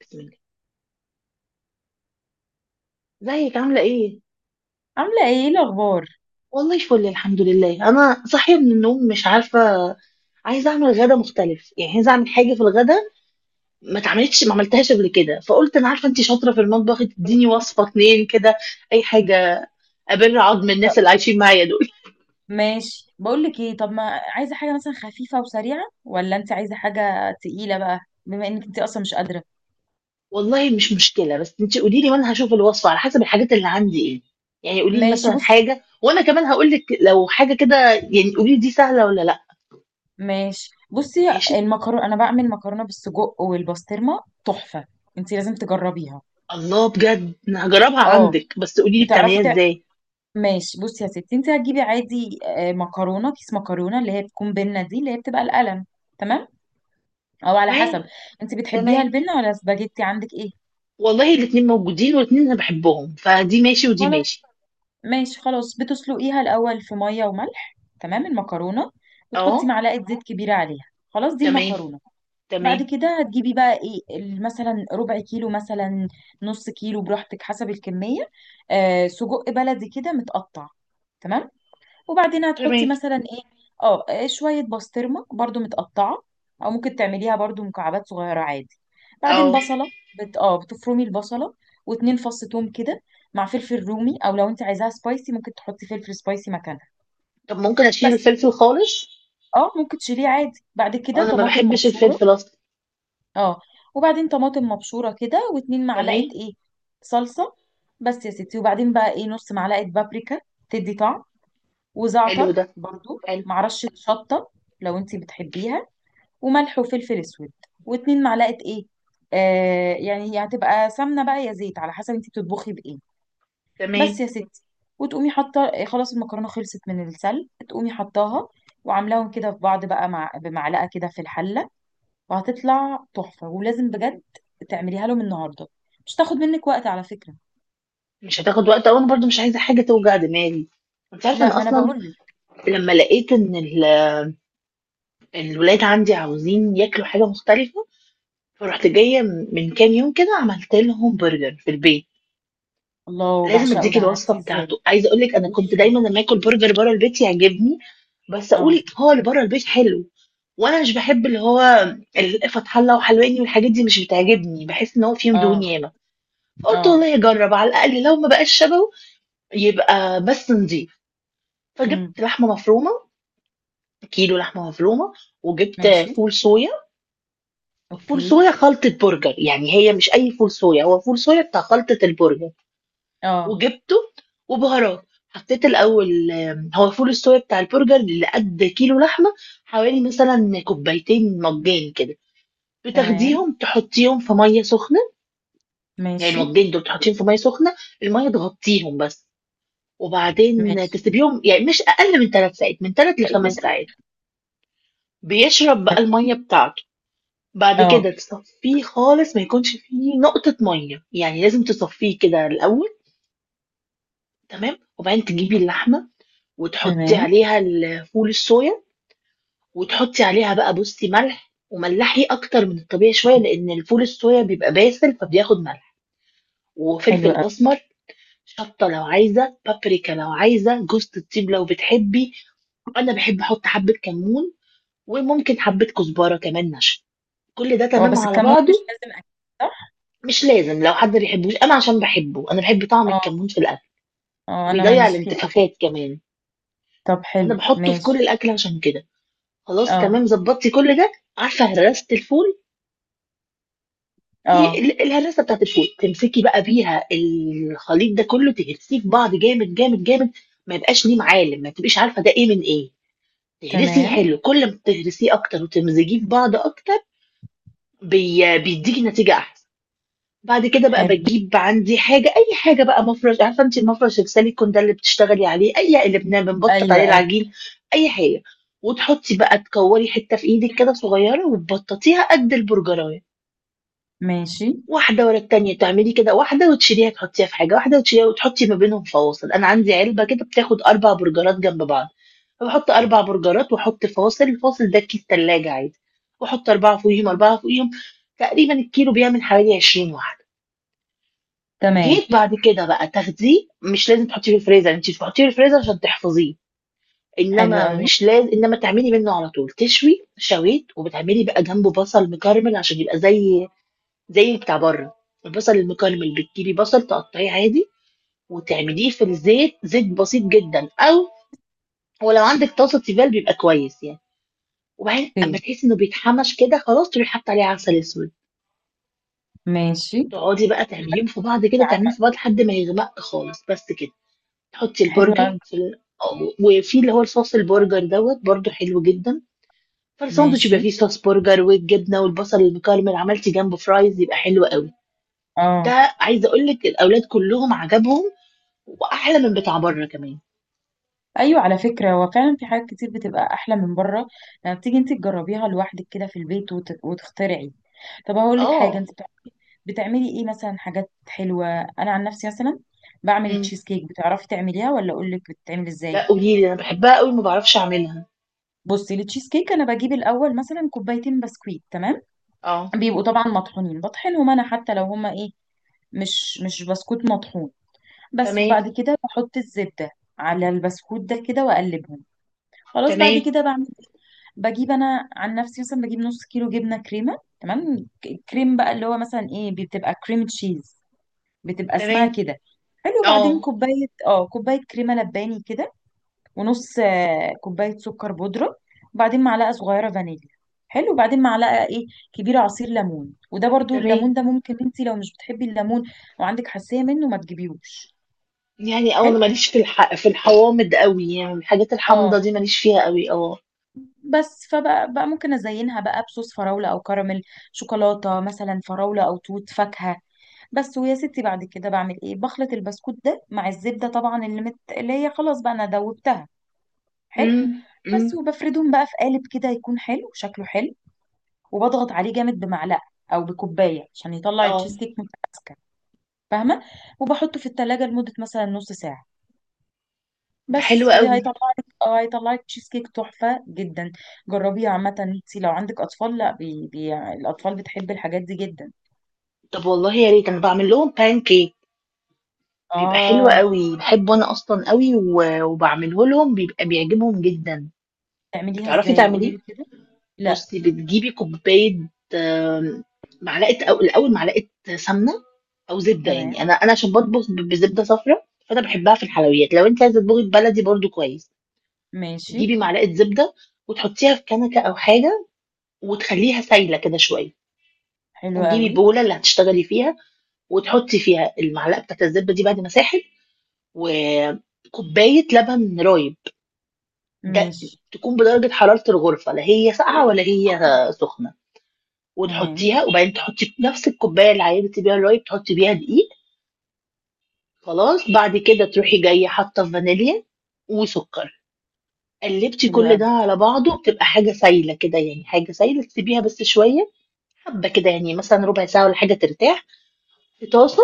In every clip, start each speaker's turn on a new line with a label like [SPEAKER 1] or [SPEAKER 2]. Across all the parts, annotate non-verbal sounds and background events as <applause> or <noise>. [SPEAKER 1] بسم الله ازيك عاملة ايه؟
[SPEAKER 2] عاملة ايه، إيه الأخبار؟
[SPEAKER 1] والله فل الحمد لله. انا صاحية من النوم مش عارفة، عايزة اعمل غدا مختلف، يعني عايزة اعمل حاجة في الغدا ما عملتهاش قبل كده. فقلت انا عارفة انتي شاطرة في المطبخ، تديني وصفة اتنين كده اي حاجة ابر عظم
[SPEAKER 2] طب
[SPEAKER 1] الناس اللي عايشين معايا دول.
[SPEAKER 2] ماشي بقولك ايه. طب، ما عايزة حاجة مثلا خفيفة وسريعة ولا انت عايزة حاجة تقيلة بقى؟ بما انك انت اصلا مش قادرة.
[SPEAKER 1] <laughs> والله مش مشكلة، بس انتي قولي لي وانا هشوف الوصفة على حسب الحاجات اللي عندي ايه. يعني قولي لي
[SPEAKER 2] ماشي
[SPEAKER 1] مثلا
[SPEAKER 2] بصي.
[SPEAKER 1] حاجة وانا كمان هقول لك لو حاجة كده، يعني قولي لي دي سهلة ولا لا. ماشي.
[SPEAKER 2] المكرونة، انا بعمل مكرونة بالسجق والبسطرمة تحفة. انت لازم تجربيها.
[SPEAKER 1] الله بجد انا هجربها
[SPEAKER 2] اه
[SPEAKER 1] عندك، بس قولي لي
[SPEAKER 2] بتعرفي
[SPEAKER 1] بتعمليها
[SPEAKER 2] تع...
[SPEAKER 1] ازاي.
[SPEAKER 2] ماشي بصي يا ستي، انت هتجيبي عادي، مكرونة، كيس مكرونة اللي هي بتكون بنة، دي اللي هي بتبقى القلم. تمام، او على حسب، انت بتحبيها
[SPEAKER 1] تمام،
[SPEAKER 2] البنة ولا سباجيتي؟ عندك ايه؟
[SPEAKER 1] والله الاتنين موجودين والاتنين انا بحبهم، فدي ماشي ودي
[SPEAKER 2] خلاص.
[SPEAKER 1] ماشي.
[SPEAKER 2] ماشي خلاص، بتسلقيها الأول في مية وملح، تمام، المكرونة، وتحطي
[SPEAKER 1] اه،
[SPEAKER 2] معلقة زيت كبيرة عليها. خلاص دي
[SPEAKER 1] تمام.
[SPEAKER 2] المكرونة. بعد
[SPEAKER 1] تمام.
[SPEAKER 2] كده هتجيبي بقى ايه، مثلا ربع كيلو، مثلا نص كيلو براحتك حسب الكمية، آه، سجق بلدي كده متقطع. تمام. وبعدين
[SPEAKER 1] تمام.
[SPEAKER 2] هتحطي مثلا ايه، شوية بسطرمة برضو متقطعة، او ممكن تعمليها برضو مكعبات صغيرة عادي. بعدين
[SPEAKER 1] اه،
[SPEAKER 2] بصلة بت... اه بتفرمي البصلة، واتنين فص توم كده، مع فلفل رومي، او لو انت عايزاها سبايسي ممكن تحطي فلفل سبايسي مكانها
[SPEAKER 1] طب ممكن اشيل
[SPEAKER 2] بس.
[SPEAKER 1] الفلفل خالص،
[SPEAKER 2] اه، ممكن تشيليه عادي. بعد كده
[SPEAKER 1] انا ما
[SPEAKER 2] طماطم
[SPEAKER 1] بحبش
[SPEAKER 2] مبشورة.
[SPEAKER 1] الفلفل اصلا.
[SPEAKER 2] اه، وبعدين طماطم مبشورة كده، واتنين معلقة
[SPEAKER 1] تمام.
[SPEAKER 2] ايه، صلصة، بس يا ستي. وبعدين بقى ايه، نص معلقة بابريكا تدي طعم،
[SPEAKER 1] حلو ده،
[SPEAKER 2] وزعتر برضو
[SPEAKER 1] حلو.
[SPEAKER 2] مع رشة شطة لو انتي بتحبيها، وملح وفلفل اسود، واتنين معلقة ايه، يعني هي هتبقى سمنة بقى يا زيت على حسب انتي بتطبخي بايه،
[SPEAKER 1] تمام.
[SPEAKER 2] بس يا ستي. وتقومي حاطة، خلاص المكرونة خلصت من السلق، تقومي حطاها وعاملاهم كده في بعض بقى مع بمعلقة كده في الحلة، وهتطلع تحفة، ولازم بجد تعمليها لهم النهاردة. مش تاخد منك وقت على فكرة.
[SPEAKER 1] مش هتاخد وقت أوي، انا برضو مش عايزه حاجه توجع دماغي. انت عارفه ان
[SPEAKER 2] لا، ما انا
[SPEAKER 1] اصلا
[SPEAKER 2] بقول لك.
[SPEAKER 1] لما لقيت ان الولاد عندي عاوزين ياكلوا حاجه مختلفه، فرحت جايه من كام يوم كده عملت لهم برجر في البيت.
[SPEAKER 2] الله،
[SPEAKER 1] لازم
[SPEAKER 2] بعشقه
[SPEAKER 1] اديكي
[SPEAKER 2] ده،
[SPEAKER 1] الوصفه
[SPEAKER 2] عملتيه ازاي؟
[SPEAKER 1] بتاعته. عايزه اقول لك، انا كنت
[SPEAKER 2] قولي لي.
[SPEAKER 1] دايما لما اكل برجر بره البيت يعجبني، بس
[SPEAKER 2] اه.
[SPEAKER 1] اقول هو اللي بره البيت حلو، وانا مش بحب اللي هو الفتح الله وحلواني والحاجات دي مش بتعجبني، بحس ان هو فيه دهون
[SPEAKER 2] اه.
[SPEAKER 1] ياما. فقلت
[SPEAKER 2] اه.
[SPEAKER 1] والله اجرب، على الاقل لو ما بقاش شبهه يبقى بس نضيف.
[SPEAKER 2] امم.
[SPEAKER 1] فجبت لحمه مفرومه، كيلو لحمه مفرومه، وجبت
[SPEAKER 2] ماشي.
[SPEAKER 1] فول صويا. فول
[SPEAKER 2] اوكي.
[SPEAKER 1] صويا خلطه برجر، يعني هي مش اي فول صويا، هو فول صويا بتاع خلطه البرجر.
[SPEAKER 2] اه.
[SPEAKER 1] وجبته وبهارات. حطيت الأول، هو فول الصويا بتاع البرجر اللي قد كيلو لحمة حوالي مثلا كوبايتين مجان كده،
[SPEAKER 2] تمام.
[SPEAKER 1] بتاخديهم تحطيهم في مية سخنة. يعني
[SPEAKER 2] ماشي.
[SPEAKER 1] المجان دول تحطيهم في مية سخنة، المية تغطيهم بس، وبعدين
[SPEAKER 2] ماشي،
[SPEAKER 1] تسيبيهم يعني مش أقل من ثلاث ساعات، من ثلاث
[SPEAKER 2] بقيت من
[SPEAKER 1] لخمس
[SPEAKER 2] تحت.
[SPEAKER 1] ساعات. بيشرب بقى المية بتاعته. بعد
[SPEAKER 2] اه.
[SPEAKER 1] كده تصفيه خالص، ما يكونش فيه نقطة مية، يعني لازم تصفيه كده الأول. تمام، وبعدين تجيبي اللحمة وتحطي
[SPEAKER 2] تمام.
[SPEAKER 1] عليها ال فول الصويا، وتحطي عليها بقى، بُصّي، ملح، وملّحي أكتر من الطبيعي شوية لإن الفول الصويا بيبقى باسل فبياخد ملح،
[SPEAKER 2] حلو
[SPEAKER 1] وفلفل
[SPEAKER 2] قوي.
[SPEAKER 1] أسمر، شطة لو عايزة، بابريكا لو عايزة، جوزة الطيب لو بتحبي، أنا باحب أحط حبة كمون، وممكن حبة كزبرة كمان ناشفة، كل ده
[SPEAKER 2] هو
[SPEAKER 1] تمام
[SPEAKER 2] بس
[SPEAKER 1] على
[SPEAKER 2] الكمون
[SPEAKER 1] بعضه.
[SPEAKER 2] مش لازم اكل، صح؟
[SPEAKER 1] مش لازم، لو حد بيحبوش، أنا عشان باحبه، أنا باحب طعم
[SPEAKER 2] اه.
[SPEAKER 1] الكمون في الأكل،
[SPEAKER 2] اه، انا
[SPEAKER 1] وبيضيّع
[SPEAKER 2] ماليش فيه قوي.
[SPEAKER 1] الانتفاخات كمان.
[SPEAKER 2] طب حلو،
[SPEAKER 1] أنا باحطه في كل
[SPEAKER 2] ماشي.
[SPEAKER 1] الأكل عشان كده. خلاص،
[SPEAKER 2] اه.
[SPEAKER 1] تمام، ضبطتي كل ده. عارفه هرسه الفول، في
[SPEAKER 2] اه.
[SPEAKER 1] الهرسه بتاعت الفول، تمسكي بقى بيها الخليط ده كله تهرسيه في بعض جامد جامد جامد، ما يبقاش ليه معالم، ما تبقيش عارفه ده ايه من ايه. تهرسيه
[SPEAKER 2] تمام.
[SPEAKER 1] حلو، كل ما تهرسيه اكتر وتمزجيه في بعض اكتر، بيديكي نتيجه احسن. بعد كده بقى
[SPEAKER 2] حلو.
[SPEAKER 1] باجيب عندي حاجة، أي حاجة بقى، مفرش، عارفة أنتِ المفرش السيليكون ده اللي بتشتغلي عليه، أي اللي بنبطط
[SPEAKER 2] ايوه
[SPEAKER 1] عليه
[SPEAKER 2] ايوه.
[SPEAKER 1] العجين. أي حاجة وتحطي بقى، تكوري حتة في إيدك كده صغيرة وتبططيها قد البرجراية،
[SPEAKER 2] ماشي.
[SPEAKER 1] واحدة ورا التانية تعملي كده واحدة وتشيليها تحطيها في حاجة، واحدة وتشيليها وتحطي ما بينهم فواصل. أنا عندي علبة كده بتاخد أربع برجرات جنب بعض، فبحط أربع برجرات وأحط فواصل، الفاصل ده كيس تلاجة عادي، وأحط أربعة فوقيهم أربعة فوقيهم. تقريبا الكيلو بيعمل حوالي 20 واحدة.
[SPEAKER 2] تمام.
[SPEAKER 1] جيت بعد كده بقى تاخديه، مش لازم تحطيه في الفريزر، أنتِ بتحطيه في الفريزر عشان تحفظيه،
[SPEAKER 2] حلو
[SPEAKER 1] إنما
[SPEAKER 2] قوي.
[SPEAKER 1] مش لاز إنما تعملي منه على طول. تشوي شويت وبتعملي بقى جنبه بصل مكرمل عشان يبقى زي بتاع برّه. البصل المكرمل بتجيبي بصل تقطعيه عادي وتعمليه في الزيت، زيت بسيط جدًا، أو ولو عندِك طاسة تيفال بيبقى كويس يعني، وبعدين
[SPEAKER 2] اوكي.
[SPEAKER 1] أمّا تحسي إنه بيتحمش كده خلاص تروحي حاطة عليه عسل أسود،
[SPEAKER 2] ماشي.
[SPEAKER 1] تقعدي بقى تعمليهم في بعض كده، تعمليهم
[SPEAKER 2] يعني،
[SPEAKER 1] في بعض لحد ما يغمق خالص، بس كده. تحطي
[SPEAKER 2] حلو
[SPEAKER 1] البرجر
[SPEAKER 2] قوي.
[SPEAKER 1] في ال... وفي اللي هو الصوص البرجر دوت برضه حلو جدا، فالساندوتش
[SPEAKER 2] ماشي.
[SPEAKER 1] يبقى فيه صوص برجر والجبنه والبصل المكرمل، عملتي جنبه فرايز يبقى حلو قوي.
[SPEAKER 2] اه.
[SPEAKER 1] ده عايزه اقول لك الاولاد كلهم عجبهم، واحلى من بتاع بره كمان.
[SPEAKER 2] ايوه، على فكره هو فعلا في حاجات كتير بتبقى احلى من بره لما بتيجي انت تجربيها لوحدك كده في البيت وتخترعي. طب هقول لك حاجه،
[SPEAKER 1] اه.
[SPEAKER 2] انت بتعملي. بتعملي ايه مثلا، حاجات حلوه؟ انا عن نفسي مثلا بعمل
[SPEAKER 1] امم.
[SPEAKER 2] التشيز كيك. بتعرفي تعمليها ولا اقول لك بتتعمل ازاي؟
[SPEAKER 1] لا قولي لي، انا بحبها قوي ما بعرفش اعملها.
[SPEAKER 2] بصي، التشيز كيك انا بجيب الاول مثلا كوبايتين بسكويت، تمام،
[SPEAKER 1] اه.
[SPEAKER 2] بيبقوا طبعا مطحونين، بطحنهم انا حتى لو هما ايه، مش بسكوت مطحون بس.
[SPEAKER 1] تمام.
[SPEAKER 2] وبعد كده بحط الزبده على البسكوت ده كده واقلبهم. خلاص، بعد
[SPEAKER 1] تمام.
[SPEAKER 2] كده بعمل، بجيب انا عن نفسي مثلا، بجيب نص كيلو جبنه كريمه تمام، كريم بقى اللي هو مثلا ايه، بتبقى كريم تشيز، بتبقى اسمها
[SPEAKER 1] تمام.
[SPEAKER 2] كده. حلو. بعدين
[SPEAKER 1] اه.
[SPEAKER 2] كوبايه، اه كوبايه كريمه لباني كده، ونص كوبايه سكر بودره. وبعدين معلقه صغيره فانيليا. حلو. وبعدين معلقه ايه، كبيره، عصير ليمون، وده برضو
[SPEAKER 1] تمام.
[SPEAKER 2] الليمون ده، ممكن انت لو مش بتحبي الليمون او عندك حساسيه منه ما تجيبيهوش.
[SPEAKER 1] يعني اه، انا
[SPEAKER 2] حلو.
[SPEAKER 1] ماليش في الحوامض قوي، يعني الحاجات
[SPEAKER 2] اه.
[SPEAKER 1] الحامضه دي ماليش فيها قوي. اه.
[SPEAKER 2] بس، فبقى ممكن ازينها بقى بصوص فراولة او كراميل، شوكولاتة، مثلا فراولة او توت، فاكهة بس، ويا ستي. بعد كده بعمل ايه، بخلط البسكوت ده مع الزبدة طبعا اللي اللي هي خلاص بقى انا دوبتها. حلو.
[SPEAKER 1] امم. امم.
[SPEAKER 2] بس، وبفردهم بقى في قالب كده يكون حلو، شكله حلو. وبضغط عليه جامد بمعلقة او بكوباية عشان يطلع
[SPEAKER 1] اه.
[SPEAKER 2] التشيز كيك متماسكة، فاهمة. وبحطه في التلاجة لمدة مثلا نص ساعة،
[SPEAKER 1] ده حلو
[SPEAKER 2] بس
[SPEAKER 1] قوي.
[SPEAKER 2] وهيطلع لك. اه، هيطلع لك تشيز كيك تحفة جدا. جربيه عامة، انت لو عندك اطفال، لا الاطفال بتحب الحاجات دي جدا.
[SPEAKER 1] طب والله يا ريت، انا بعمل لهم بان كيك بيبقى حلو
[SPEAKER 2] اه،
[SPEAKER 1] قوي، بحبه انا اصلا قوي، وبعمله لهم بيبقى بيعجبهم جدا.
[SPEAKER 2] تعمليها
[SPEAKER 1] بتعرفي
[SPEAKER 2] ازاي؟ قولي
[SPEAKER 1] تعمليه؟
[SPEAKER 2] لي كده. لا.
[SPEAKER 1] بصي، بتجيبي كوبايه، آم، معلقه، او الاول معلقه سمنه او زبده،
[SPEAKER 2] تمام.
[SPEAKER 1] يعني انا عشان بطبخ بزبده صفراء فانا بحبها في الحلويات، لو انت عايزه تطبخي بلدي برضو كويس.
[SPEAKER 2] ماشي.
[SPEAKER 1] تجيبي معلقه زبده وتحطيها في كنكه او حاجه وتخليها سايله كده شويه،
[SPEAKER 2] حلو
[SPEAKER 1] وتجيبي
[SPEAKER 2] قوي.
[SPEAKER 1] بوله اللي هتشتغلي فيها وتحطي فيها المعلقه بتاعت الزبده دي بعد ما ساحت، وكوباية لبن رايب، ده
[SPEAKER 2] ماشي.
[SPEAKER 1] تكون بدرجة حرارة الغرفة، لا هي ساقعة ولا هي سخنة،
[SPEAKER 2] تمام.
[SPEAKER 1] وتحطيها، وبعدين تحطي نفس الكوباية اللي عينتي بيها الرايب تحطي بيها دقيق. خلاص، بعد كده تروحي جاية حاطة فانيليا وسكر، قلبتي
[SPEAKER 2] حلو
[SPEAKER 1] كل
[SPEAKER 2] قوي.
[SPEAKER 1] ده على بعضه بتبقى حاجة سايلة كده، يعني حاجة سايلة تسيبيها بس شوية، حبة كده يعني مثلا ربع ساعة ولا حاجة ترتاح. في طاسة،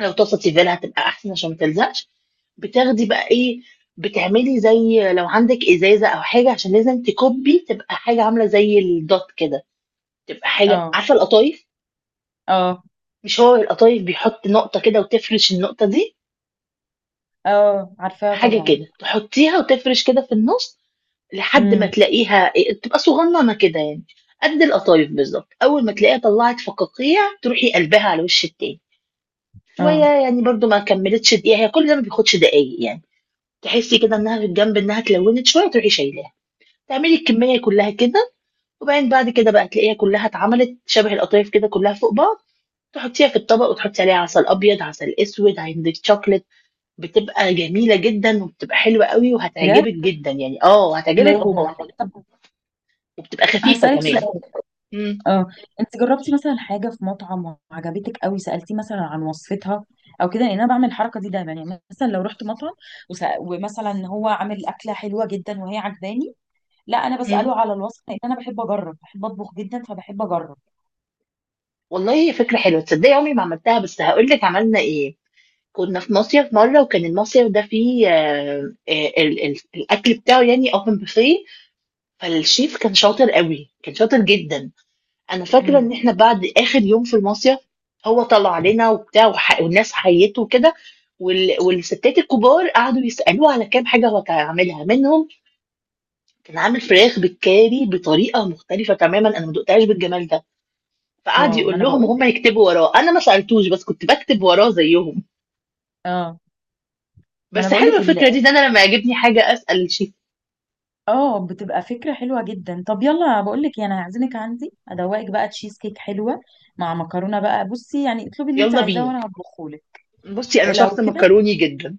[SPEAKER 1] لو طاسه تيفال هتبقى احسن عشان ما تلزقش. بتاخدي بقى ايه، بتعملي زي لو عندك ازازه او حاجه عشان لازم تكبي، تبقى حاجه عامله زي الدوت كده، تبقى حاجه،
[SPEAKER 2] اه.
[SPEAKER 1] عارفه القطايف؟
[SPEAKER 2] اه.
[SPEAKER 1] مش هو القطايف بيحط نقطه كده وتفرش النقطه دي،
[SPEAKER 2] اه، عارفاها
[SPEAKER 1] حاجه
[SPEAKER 2] طبعا.
[SPEAKER 1] كده تحطيها وتفرش كده في النص لحد ما
[SPEAKER 2] امم.
[SPEAKER 1] تلاقيها إيه، تبقى صغننه كده يعني قد القطايف بالظبط. اول ما تلاقيها طلعت فقاقيع تروحي قلبها على وش التاني شويه،
[SPEAKER 2] اه.
[SPEAKER 1] يعني برضو ما كملتش دقيقه، هي كل ده ما بياخدش دقايق يعني. تحسي كده إنها في الجنب إنها اتلونت شوية تروحي شايلاها، تعملي الكمية كلها كده، وبعدين بعد كده بقى تلاقيها كلها اتعملت شبه القطايف كده كلها فوق بعض، تحطيها في الطبق وتحطي عليها عسل أبيض، عسل أسود، عندك شوكليت، بتبقى جميلة جدًا وبتبقى حلوة أوي
[SPEAKER 2] بجد؟
[SPEAKER 1] وهتعجبِك جدًا يعني، آه
[SPEAKER 2] ليه؟
[SPEAKER 1] هتعجبِك، و
[SPEAKER 2] طب
[SPEAKER 1] وبتبقى خفيفة
[SPEAKER 2] هسألك
[SPEAKER 1] كمان.
[SPEAKER 2] سؤال.
[SPEAKER 1] إمم،
[SPEAKER 2] اه. انت جربتي مثلا حاجه في مطعم وعجبتك قوي، سالتيه مثلا عن وصفتها او كده؟ لان انا بعمل الحركه دي دايما، يعني مثلا لو رحت مطعم ومثلا هو عامل اكله حلوه جدا وهي عجباني، لا انا
[SPEAKER 1] إمم.
[SPEAKER 2] بساله على الوصفه، لان انا بحب اجرب، بحب اطبخ جدا، فبحب اجرب.
[SPEAKER 1] والله هي فكرة حلوة، تصدقي عمري ما عملتها، بس هاقول لِك عملنا إيه. كنا في مصيف مرة، وكان المصيف ده فيه ال ال الأكل بتاعه يعني open buffet، فالchef كان شاطر أوي، كان شاطر جدًا. أنا فاكرة
[SPEAKER 2] امم.
[SPEAKER 1] إن إحنا بعد آخر يوم في المصيف، هو طلع لنا وبتاع والناس حيّته وكده، والستات الكبار قعدوا يسألوه على كام حاجة هو كان عاملها، منهم كان عامل فراخ بالكاري بطريقة مختلفة تمامًا، أنا ما دُقتهاش بالجمال ده، فقعد
[SPEAKER 2] واو، ما
[SPEAKER 1] يقول
[SPEAKER 2] انا
[SPEAKER 1] لهم
[SPEAKER 2] بقول
[SPEAKER 1] وهُم
[SPEAKER 2] لك.
[SPEAKER 1] يكتبوا وراه، أنا ما سألتوش بس كنت باكتب وراه زيّهم.
[SPEAKER 2] اه، ما انا
[SPEAKER 1] بس
[SPEAKER 2] بقول
[SPEAKER 1] حلوة
[SPEAKER 2] لك
[SPEAKER 1] الفكرة دي، إن أنا لمّا يعجبني حاجة أسأل الchef.
[SPEAKER 2] اه، بتبقى فكره حلوه جدا. طب يلا، بقول لك يعني هعزمك عندي، ادوقك بقى تشيز كيك حلوه مع مكرونه بقى، بصي يعني، اطلبي اللي انت
[SPEAKER 1] يالّا
[SPEAKER 2] عايزاه
[SPEAKER 1] بينا.
[SPEAKER 2] وانا هطبخه لك.
[SPEAKER 1] بُصّي أنا
[SPEAKER 2] لو
[SPEAKER 1] شخص
[SPEAKER 2] كده
[SPEAKER 1] مكروني جدًا.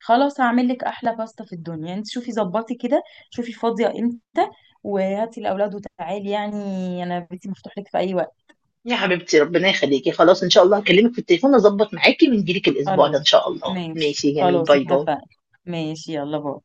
[SPEAKER 2] خلاص، هعمل لك احلى باستا في الدنيا. انت شوفي ظبطي كده، شوفي فاضيه امتى وهاتي الاولاد وتعالي، يعني انا بيتي مفتوح لك في اي وقت.
[SPEAKER 1] يا حبيبتي، ربنا يخليكي، خلاص ان شاء الله هكلمك في التليفون اظبط معاكي ونجيلك الاسبوع ده ان
[SPEAKER 2] خلاص،
[SPEAKER 1] شاء الله.
[SPEAKER 2] ماشي
[SPEAKER 1] ماشي، جميل،
[SPEAKER 2] خلاص،
[SPEAKER 1] باي باي.
[SPEAKER 2] اتفقنا. ماشي، يلا باي.